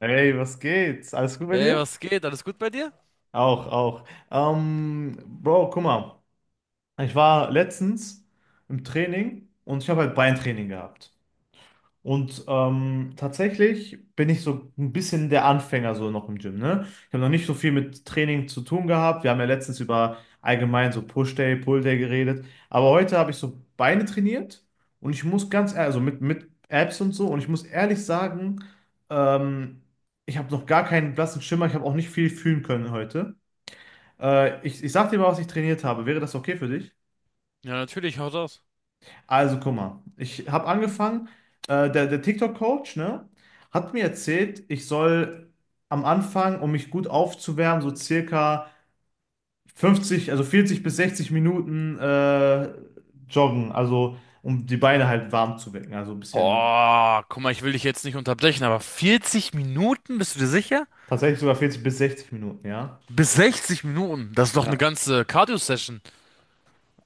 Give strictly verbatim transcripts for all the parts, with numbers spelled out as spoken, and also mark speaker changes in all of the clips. Speaker 1: Hey, was geht's? Alles gut bei
Speaker 2: Ey,
Speaker 1: dir?
Speaker 2: was geht? Alles gut bei dir?
Speaker 1: Auch, auch. Ähm, Bro, guck mal. Ich war letztens im Training und ich habe halt Beintraining gehabt. Und ähm, tatsächlich bin ich so ein bisschen der Anfänger so noch im Gym, ne? Ich habe noch nicht so viel mit Training zu tun gehabt. Wir haben ja letztens über allgemein so Push-Day, Pull-Day geredet. Aber heute habe ich so Beine trainiert und ich muss ganz ehrlich, also mit, mit Abs und so, und ich muss ehrlich sagen, ähm, ich habe noch gar keinen blassen Schimmer. Ich habe auch nicht viel fühlen können heute. Äh, ich, ich sag dir mal, was ich trainiert habe. Wäre das okay für dich?
Speaker 2: Ja, natürlich, haut aus.
Speaker 1: Also, guck mal, ich habe angefangen, äh, der, der TikTok-Coach, ne, hat mir erzählt, ich soll am Anfang, um mich gut aufzuwärmen, so circa fünfzig, also vierzig bis sechzig Minuten äh, joggen, also um die Beine halt warm zu wecken, also ein bisschen,
Speaker 2: Oh, guck mal, ich will dich jetzt nicht unterbrechen, aber vierzig Minuten, bist du dir sicher?
Speaker 1: tatsächlich sogar vierzig bis sechzig Minuten, ja.
Speaker 2: Bis sechzig Minuten, das ist doch eine
Speaker 1: Ja.
Speaker 2: ganze Cardio-Session.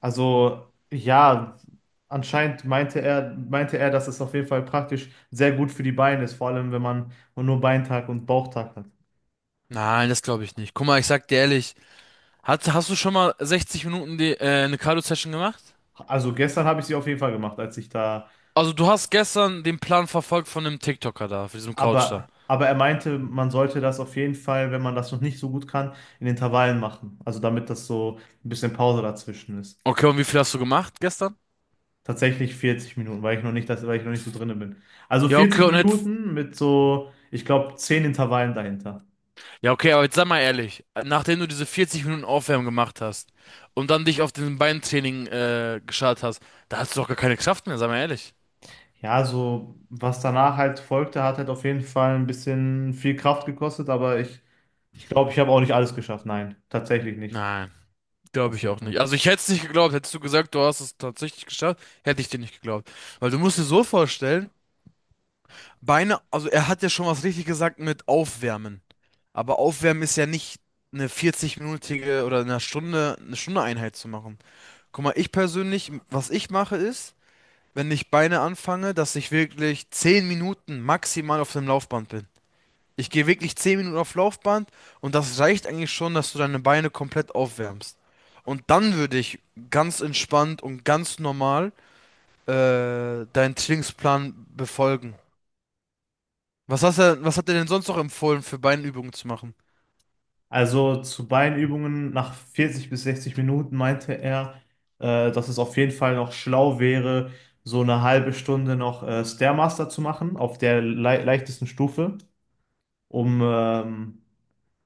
Speaker 1: Also, ja, anscheinend meinte er, meinte er, dass es auf jeden Fall praktisch sehr gut für die Beine ist, vor allem wenn man nur Beintag und Bauchtag hat.
Speaker 2: Nein, das glaube ich nicht. Guck mal, ich sag dir ehrlich, hast, hast du schon mal sechzig Minuten die, äh, eine Cardio-Session gemacht?
Speaker 1: Also gestern habe ich sie auf jeden Fall gemacht, als ich da.
Speaker 2: Also du hast gestern den Plan verfolgt von dem TikToker da, von diesem Couch da.
Speaker 1: Aber, aber er meinte, man sollte das auf jeden Fall, wenn man das noch nicht so gut kann, in Intervallen machen. Also damit das so ein bisschen Pause dazwischen ist.
Speaker 2: Okay, und wie viel hast du gemacht gestern?
Speaker 1: Tatsächlich vierzig Minuten, weil ich noch nicht, das, weil ich noch nicht so drin bin. Also
Speaker 2: Ja, okay,
Speaker 1: vierzig
Speaker 2: und jetzt.
Speaker 1: Minuten mit so, ich glaube, zehn Intervallen dahinter.
Speaker 2: Ja, okay, aber jetzt sag mal ehrlich, nachdem du diese vierzig Minuten Aufwärmen gemacht hast und dann dich auf den Beintraining äh, geschart hast, da hast du doch gar keine Kraft mehr, sag mal ehrlich.
Speaker 1: Ja, so was danach halt folgte, hat halt auf jeden Fall ein bisschen viel Kraft gekostet, aber ich, ich glaube, ich habe auch nicht alles geschafft. Nein, tatsächlich nicht.
Speaker 2: Nein, glaube
Speaker 1: Auf
Speaker 2: ich
Speaker 1: jeden
Speaker 2: auch nicht.
Speaker 1: Fall.
Speaker 2: Also ich hätte es nicht geglaubt, hättest du gesagt, du hast es tatsächlich geschafft, hätte ich dir nicht geglaubt. Weil du musst dir so vorstellen, Beine, also er hat ja schon was richtig gesagt mit Aufwärmen. Aber Aufwärmen ist ja nicht eine vierzig-minütige oder eine Stunde, eine Stunde Einheit zu machen. Guck mal, ich persönlich, was ich mache ist, wenn ich Beine anfange, dass ich wirklich zehn Minuten maximal auf dem Laufband bin. Ich gehe wirklich zehn Minuten auf Laufband und das reicht eigentlich schon, dass du deine Beine komplett aufwärmst. Und dann würde ich ganz entspannt und ganz normal äh, deinen Trainingsplan befolgen. Was hast du, was hat er denn sonst noch empfohlen, für Beinübungen zu machen?
Speaker 1: Also zu Beinübungen nach vierzig bis sechzig Minuten meinte er, äh, dass es auf jeden Fall noch schlau wäre, so eine halbe Stunde noch äh, Stairmaster zu machen, auf der lei leichtesten Stufe, um ähm,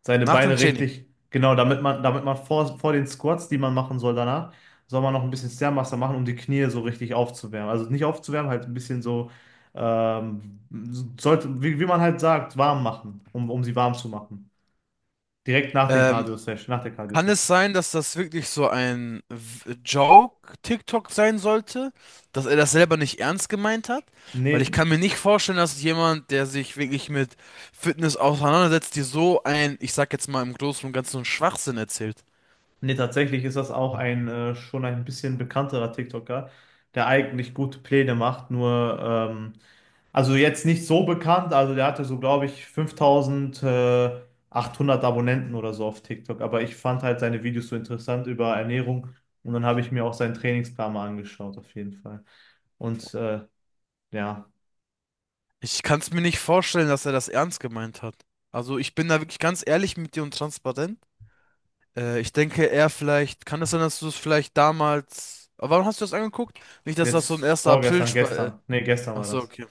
Speaker 1: seine
Speaker 2: Nach dem
Speaker 1: Beine
Speaker 2: Training.
Speaker 1: richtig, genau, damit man, damit man vor, vor den Squats, die man machen soll danach, soll man noch ein bisschen Stairmaster machen, um die Knie so richtig aufzuwärmen. Also nicht aufzuwärmen, halt ein bisschen so, ähm, sollte, wie, wie man halt sagt, warm machen, um, um sie warm zu machen. Direkt nach den
Speaker 2: Ähm,
Speaker 1: Cardio-Session, nach der
Speaker 2: Kann
Speaker 1: Cardio-Session.
Speaker 2: es sein, dass das wirklich so ein W- Joke-TikTok sein sollte? Dass er das selber nicht ernst gemeint hat? Weil ich
Speaker 1: Nee,
Speaker 2: kann mir nicht vorstellen, dass jemand, der sich wirklich mit Fitness auseinandersetzt, dir so ein, ich sag jetzt mal im Großen und Ganzen, Schwachsinn erzählt.
Speaker 1: nee, tatsächlich ist das auch ein äh, schon ein bisschen bekannterer TikToker, der eigentlich gute Pläne macht, nur ähm, also jetzt nicht so bekannt, also der hatte so, glaube ich, fünftausendachthundert Abonnenten oder so auf TikTok, aber ich fand halt seine Videos so interessant über Ernährung und dann habe ich mir auch seinen Trainingsplan mal angeschaut, auf jeden Fall. Und äh, ja,
Speaker 2: Ich kann es mir nicht vorstellen, dass er das ernst gemeint hat. Also ich bin da wirklich ganz ehrlich mit dir und transparent. Äh, ich denke, er vielleicht, kann es sein, dass du es vielleicht damals. Aber Warum hast du das angeguckt? Nicht, dass das so ein
Speaker 1: jetzt
Speaker 2: erster April...
Speaker 1: vorgestern,
Speaker 2: Spa- äh,
Speaker 1: gestern, nee, gestern
Speaker 2: Ach
Speaker 1: war
Speaker 2: so,
Speaker 1: das.
Speaker 2: okay.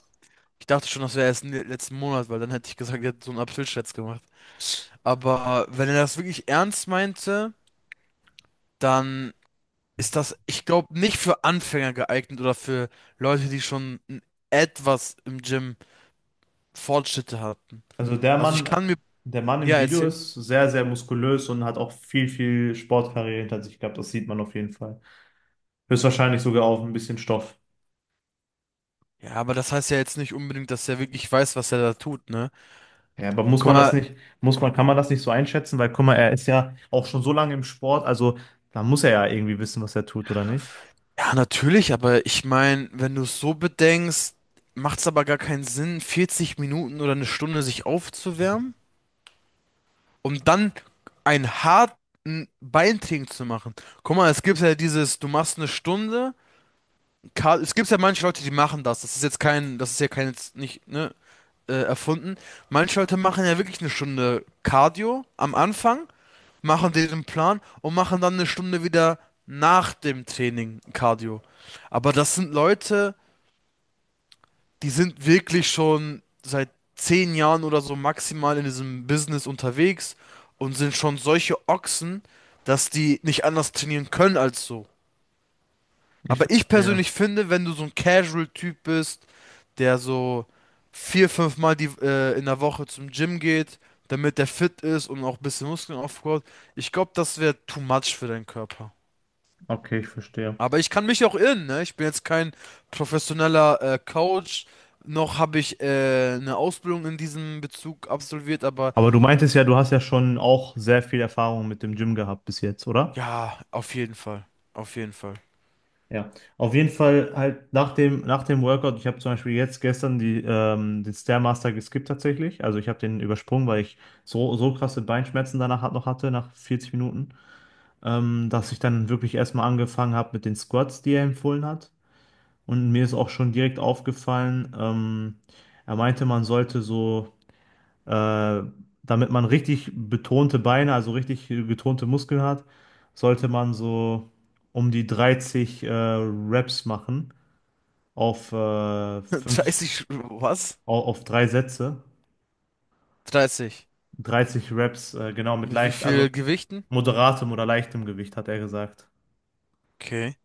Speaker 2: Ich dachte schon, das wäre erst le- letzten Monat, weil dann hätte ich gesagt, er hat so einen April-Scherz gemacht. Aber wenn er das wirklich ernst meinte, dann ist das, ich glaube, nicht für Anfänger geeignet oder für Leute, die schon n- etwas im Gym Fortschritte hatten.
Speaker 1: Also der
Speaker 2: Also ich
Speaker 1: Mann,
Speaker 2: kann mir,
Speaker 1: der Mann im
Speaker 2: ja,
Speaker 1: Video
Speaker 2: erzählen.
Speaker 1: ist sehr, sehr muskulös und hat auch viel, viel Sportkarriere hinter sich gehabt. Das sieht man auf jeden Fall. Höchstwahrscheinlich
Speaker 2: Hm.
Speaker 1: sogar auf ein bisschen Stoff.
Speaker 2: Ja, aber das heißt ja jetzt nicht unbedingt, dass er wirklich weiß, was er da tut, ne?
Speaker 1: Ja, aber muss
Speaker 2: Guck
Speaker 1: man das
Speaker 2: mal,
Speaker 1: nicht, muss man, kann man das nicht so einschätzen? Weil, guck mal, er ist ja auch schon so lange im Sport, also da muss er ja irgendwie wissen, was er tut, oder nicht?
Speaker 2: ja, natürlich, aber ich meine, wenn du es so bedenkst, macht es aber gar keinen Sinn, vierzig Minuten oder eine Stunde sich aufzuwärmen, um dann einen harten Beintraining zu machen. Guck mal, es gibt ja dieses, du machst eine Stunde, Car- es gibt ja manche Leute, die machen das. Das ist jetzt kein, das ist ja kein, jetzt nicht, ne, äh, erfunden. Manche Leute machen ja wirklich eine Stunde Cardio am Anfang, machen den Plan und machen dann eine Stunde wieder nach dem Training Cardio. Aber das sind Leute, die sind wirklich schon seit zehn Jahren oder so maximal in diesem Business unterwegs und sind schon solche Ochsen, dass die nicht anders trainieren können als so.
Speaker 1: Ich
Speaker 2: Aber ich
Speaker 1: verstehe.
Speaker 2: persönlich finde, wenn du so ein Casual-Typ bist, der so vier, fünf Mal die, äh, in der Woche zum Gym geht, damit der fit ist und auch ein bisschen Muskeln aufbaut, ich glaube, das wäre too much für deinen Körper.
Speaker 1: Okay, ich verstehe.
Speaker 2: Aber ich kann mich auch irren, ne? Ich bin jetzt kein professioneller äh, Coach, noch habe ich äh, eine Ausbildung in diesem Bezug absolviert, aber
Speaker 1: Aber du meintest ja, du hast ja schon auch sehr viel Erfahrung mit dem Gym gehabt bis jetzt, oder?
Speaker 2: ja, auf jeden Fall. Auf jeden Fall.
Speaker 1: Ja, auf jeden Fall halt nach dem, nach dem Workout, ich habe zum Beispiel jetzt gestern die, ähm, den Stairmaster geskippt tatsächlich. Also ich habe den übersprungen, weil ich so, so krasse Beinschmerzen danach hat- noch hatte, nach vierzig Minuten, ähm, dass ich dann wirklich erstmal angefangen habe mit den Squats, die er empfohlen hat. Und mir ist auch schon direkt aufgefallen, ähm, er meinte, man sollte so, äh, damit man richtig betonte Beine, also richtig getonte Muskeln hat, sollte man so um die dreißig äh, Reps machen auf, äh, fünf,
Speaker 2: dreißig, was?
Speaker 1: au- auf drei Sätze,
Speaker 2: dreißig.
Speaker 1: dreißig Reps, äh, genau mit
Speaker 2: Mit wie
Speaker 1: leicht, also
Speaker 2: viel Gewichten?
Speaker 1: moderatem oder leichtem Gewicht, hat er gesagt.
Speaker 2: Okay.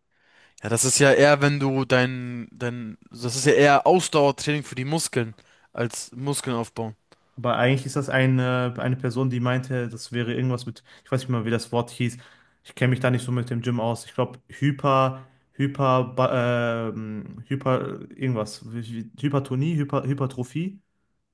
Speaker 2: Ja, das ist ja eher, wenn du dein, dein, das ist ja eher Ausdauertraining für die Muskeln als Muskeln aufbauen.
Speaker 1: Aber eigentlich ist das eine, eine Person, die meinte, das wäre irgendwas mit, ich weiß nicht mal, wie das Wort hieß. Ich kenne mich da nicht so mit dem Gym aus. Ich glaube, Hyper, Hyper, ba- ähm, Hyper, irgendwas. Wie- wie- Hypertonie, Hyper, Hypertrophie,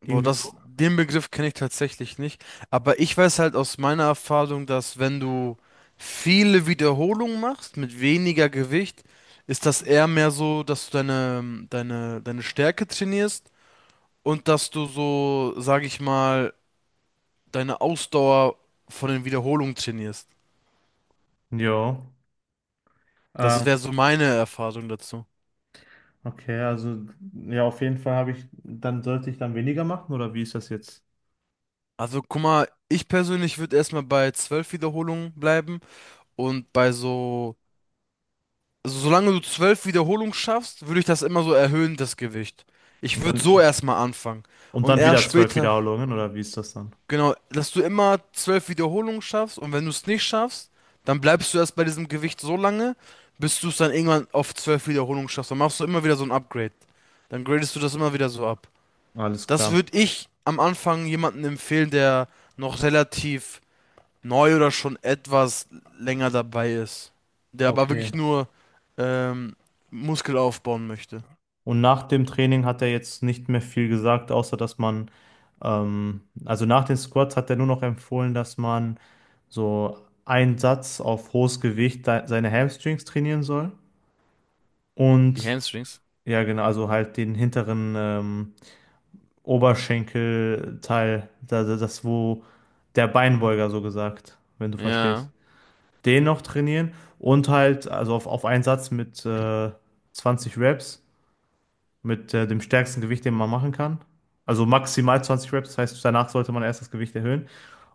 Speaker 2: Boah,
Speaker 1: irgendwie
Speaker 2: das,
Speaker 1: so.
Speaker 2: den Begriff kenne ich tatsächlich nicht. Aber ich weiß halt aus meiner Erfahrung, dass wenn du viele Wiederholungen machst mit weniger Gewicht, ist das eher mehr so, dass du deine, deine, deine Stärke trainierst und dass du so, sag ich mal, deine Ausdauer von den Wiederholungen trainierst.
Speaker 1: Jo.
Speaker 2: Das
Speaker 1: Ähm,
Speaker 2: wäre so meine Erfahrung dazu.
Speaker 1: okay, also ja, auf jeden Fall habe ich, dann sollte ich dann weniger machen oder wie ist das jetzt?
Speaker 2: Also guck mal, ich persönlich würde erstmal bei zwölf Wiederholungen bleiben und bei so also solange du zwölf Wiederholungen schaffst, würde ich das immer so erhöhen, das Gewicht. Ich
Speaker 1: Und
Speaker 2: würde so
Speaker 1: dann,
Speaker 2: erstmal anfangen.
Speaker 1: und
Speaker 2: Und
Speaker 1: dann
Speaker 2: erst
Speaker 1: wieder zwölf
Speaker 2: später,
Speaker 1: Wiederholungen, oder wie ist das dann?
Speaker 2: genau, dass du immer zwölf Wiederholungen schaffst und wenn du es nicht schaffst, dann bleibst du erst bei diesem Gewicht so lange, bis du es dann irgendwann auf zwölf Wiederholungen schaffst. Dann machst du immer wieder so ein Upgrade. Dann gradest du das immer wieder so ab.
Speaker 1: Alles
Speaker 2: Das
Speaker 1: klar.
Speaker 2: würde ich am Anfang jemandem empfehlen, der noch relativ neu oder schon etwas länger dabei ist. Der aber
Speaker 1: Okay.
Speaker 2: wirklich nur ähm, Muskel aufbauen möchte.
Speaker 1: Und nach dem Training hat er jetzt nicht mehr viel gesagt, außer dass man, ähm, also nach den Squats hat er nur noch empfohlen, dass man so einen Satz auf hohes Gewicht de- seine Hamstrings trainieren soll.
Speaker 2: Die
Speaker 1: Und
Speaker 2: Hamstrings?
Speaker 1: ja, genau, also halt den hinteren ähm, Oberschenkelteil, das, das, wo der Beinbeuger so gesagt, wenn du verstehst.
Speaker 2: Ja.
Speaker 1: Den noch trainieren und halt, also auf, auf einen Satz mit äh, zwanzig Reps, mit äh, dem stärksten Gewicht, den man machen kann. Also maximal zwanzig Reps, das heißt, danach sollte man erst das Gewicht erhöhen.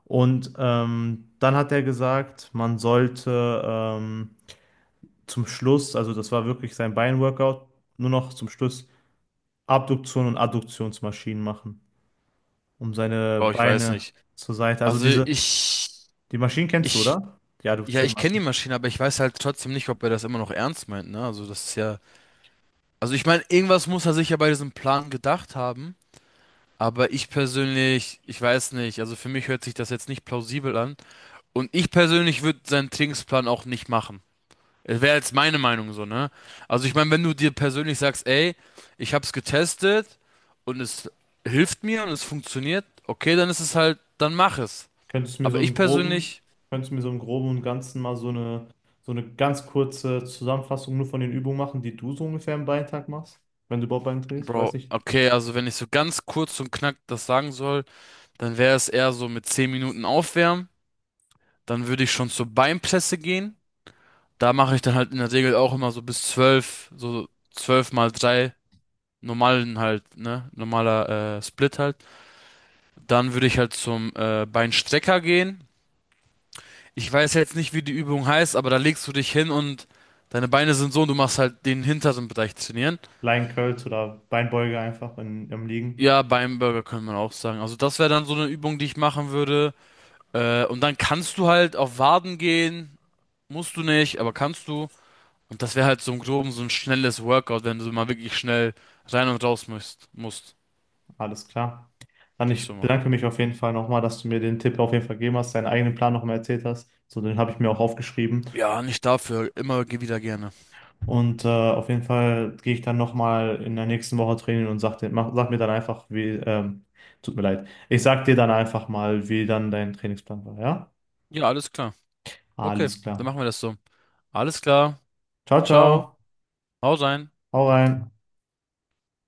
Speaker 1: Und ähm, dann hat er gesagt, man sollte ähm, zum Schluss, also das war wirklich sein Beinworkout, nur noch zum Schluss Abduktion und Adduktionsmaschinen machen, um seine
Speaker 2: Oh, ich weiß
Speaker 1: Beine
Speaker 2: nicht.
Speaker 1: zur Seite. Also
Speaker 2: Also
Speaker 1: diese,
Speaker 2: ich,
Speaker 1: die Maschinen kennst du,
Speaker 2: ich,
Speaker 1: oder? Die
Speaker 2: ja,
Speaker 1: Adduktion.
Speaker 2: ich kenne die Maschine, aber ich weiß halt trotzdem nicht, ob er das immer noch ernst meint, ne? Also das ist ja, also ich meine, irgendwas muss er sich ja bei diesem Plan gedacht haben. Aber ich persönlich, ich weiß nicht, also für mich hört sich das jetzt nicht plausibel an. Und ich persönlich würde seinen Trainingsplan auch nicht machen. Wäre jetzt meine Meinung so, ne? Also ich meine, wenn du dir persönlich sagst, ey, ich hab's getestet und es hilft mir und es funktioniert, okay, dann ist es halt, dann mach es.
Speaker 1: Könntest du mir so
Speaker 2: Aber ich
Speaker 1: im Groben,
Speaker 2: persönlich,
Speaker 1: könntest du mir so im Groben und Ganzen mal so eine, so eine ganz kurze Zusammenfassung nur von den Übungen machen, die du so ungefähr im Beintag machst, wenn du überhaupt Bein drehst? Ich weiß
Speaker 2: Bro,
Speaker 1: nicht,
Speaker 2: okay, also wenn ich so ganz kurz und knack das sagen soll, dann wäre es eher so mit zehn Minuten aufwärmen, dann würde ich schon zur Beinpresse gehen. Da mache ich dann halt in der Regel auch immer so bis zwölf so zwölf mal drei normalen halt, ne? Normaler äh, Split halt. Dann würde ich halt zum äh, Beinstrecker gehen. Ich weiß jetzt nicht, wie die Übung heißt, aber da legst du dich hin und deine Beine sind so und du machst halt den hinteren Bereich trainieren.
Speaker 1: Lion Curls oder Beinbeuge einfach in, im Liegen.
Speaker 2: Ja, Beinburger könnte man auch sagen. Also das wäre dann so eine Übung, die ich machen würde. Äh, und dann kannst du halt auf Waden gehen. Musst du nicht, aber kannst du. Und das wäre halt so im Groben so ein schnelles Workout, wenn du mal wirklich schnell rein und raus musst. musst.
Speaker 1: Alles klar. Dann
Speaker 2: Würde ich so
Speaker 1: ich
Speaker 2: machen.
Speaker 1: bedanke mich auf jeden Fall nochmal, dass du mir den Tipp auf jeden Fall gegeben hast, deinen eigenen Plan nochmal erzählt hast. So, den habe ich mir auch aufgeschrieben.
Speaker 2: Ja, nicht dafür. Immer wieder gerne.
Speaker 1: Und äh, auf jeden Fall gehe ich dann nochmal in der nächsten Woche trainieren und sag, dir, mach, sag mir dann einfach, wie, ähm, tut mir leid, ich sag dir dann einfach mal, wie dann dein Trainingsplan war, ja?
Speaker 2: Ja, alles klar. Okay,
Speaker 1: Alles
Speaker 2: dann
Speaker 1: klar.
Speaker 2: machen wir das so. Alles klar.
Speaker 1: Ciao,
Speaker 2: Ciao.
Speaker 1: ciao.
Speaker 2: hau rein.
Speaker 1: Hau rein.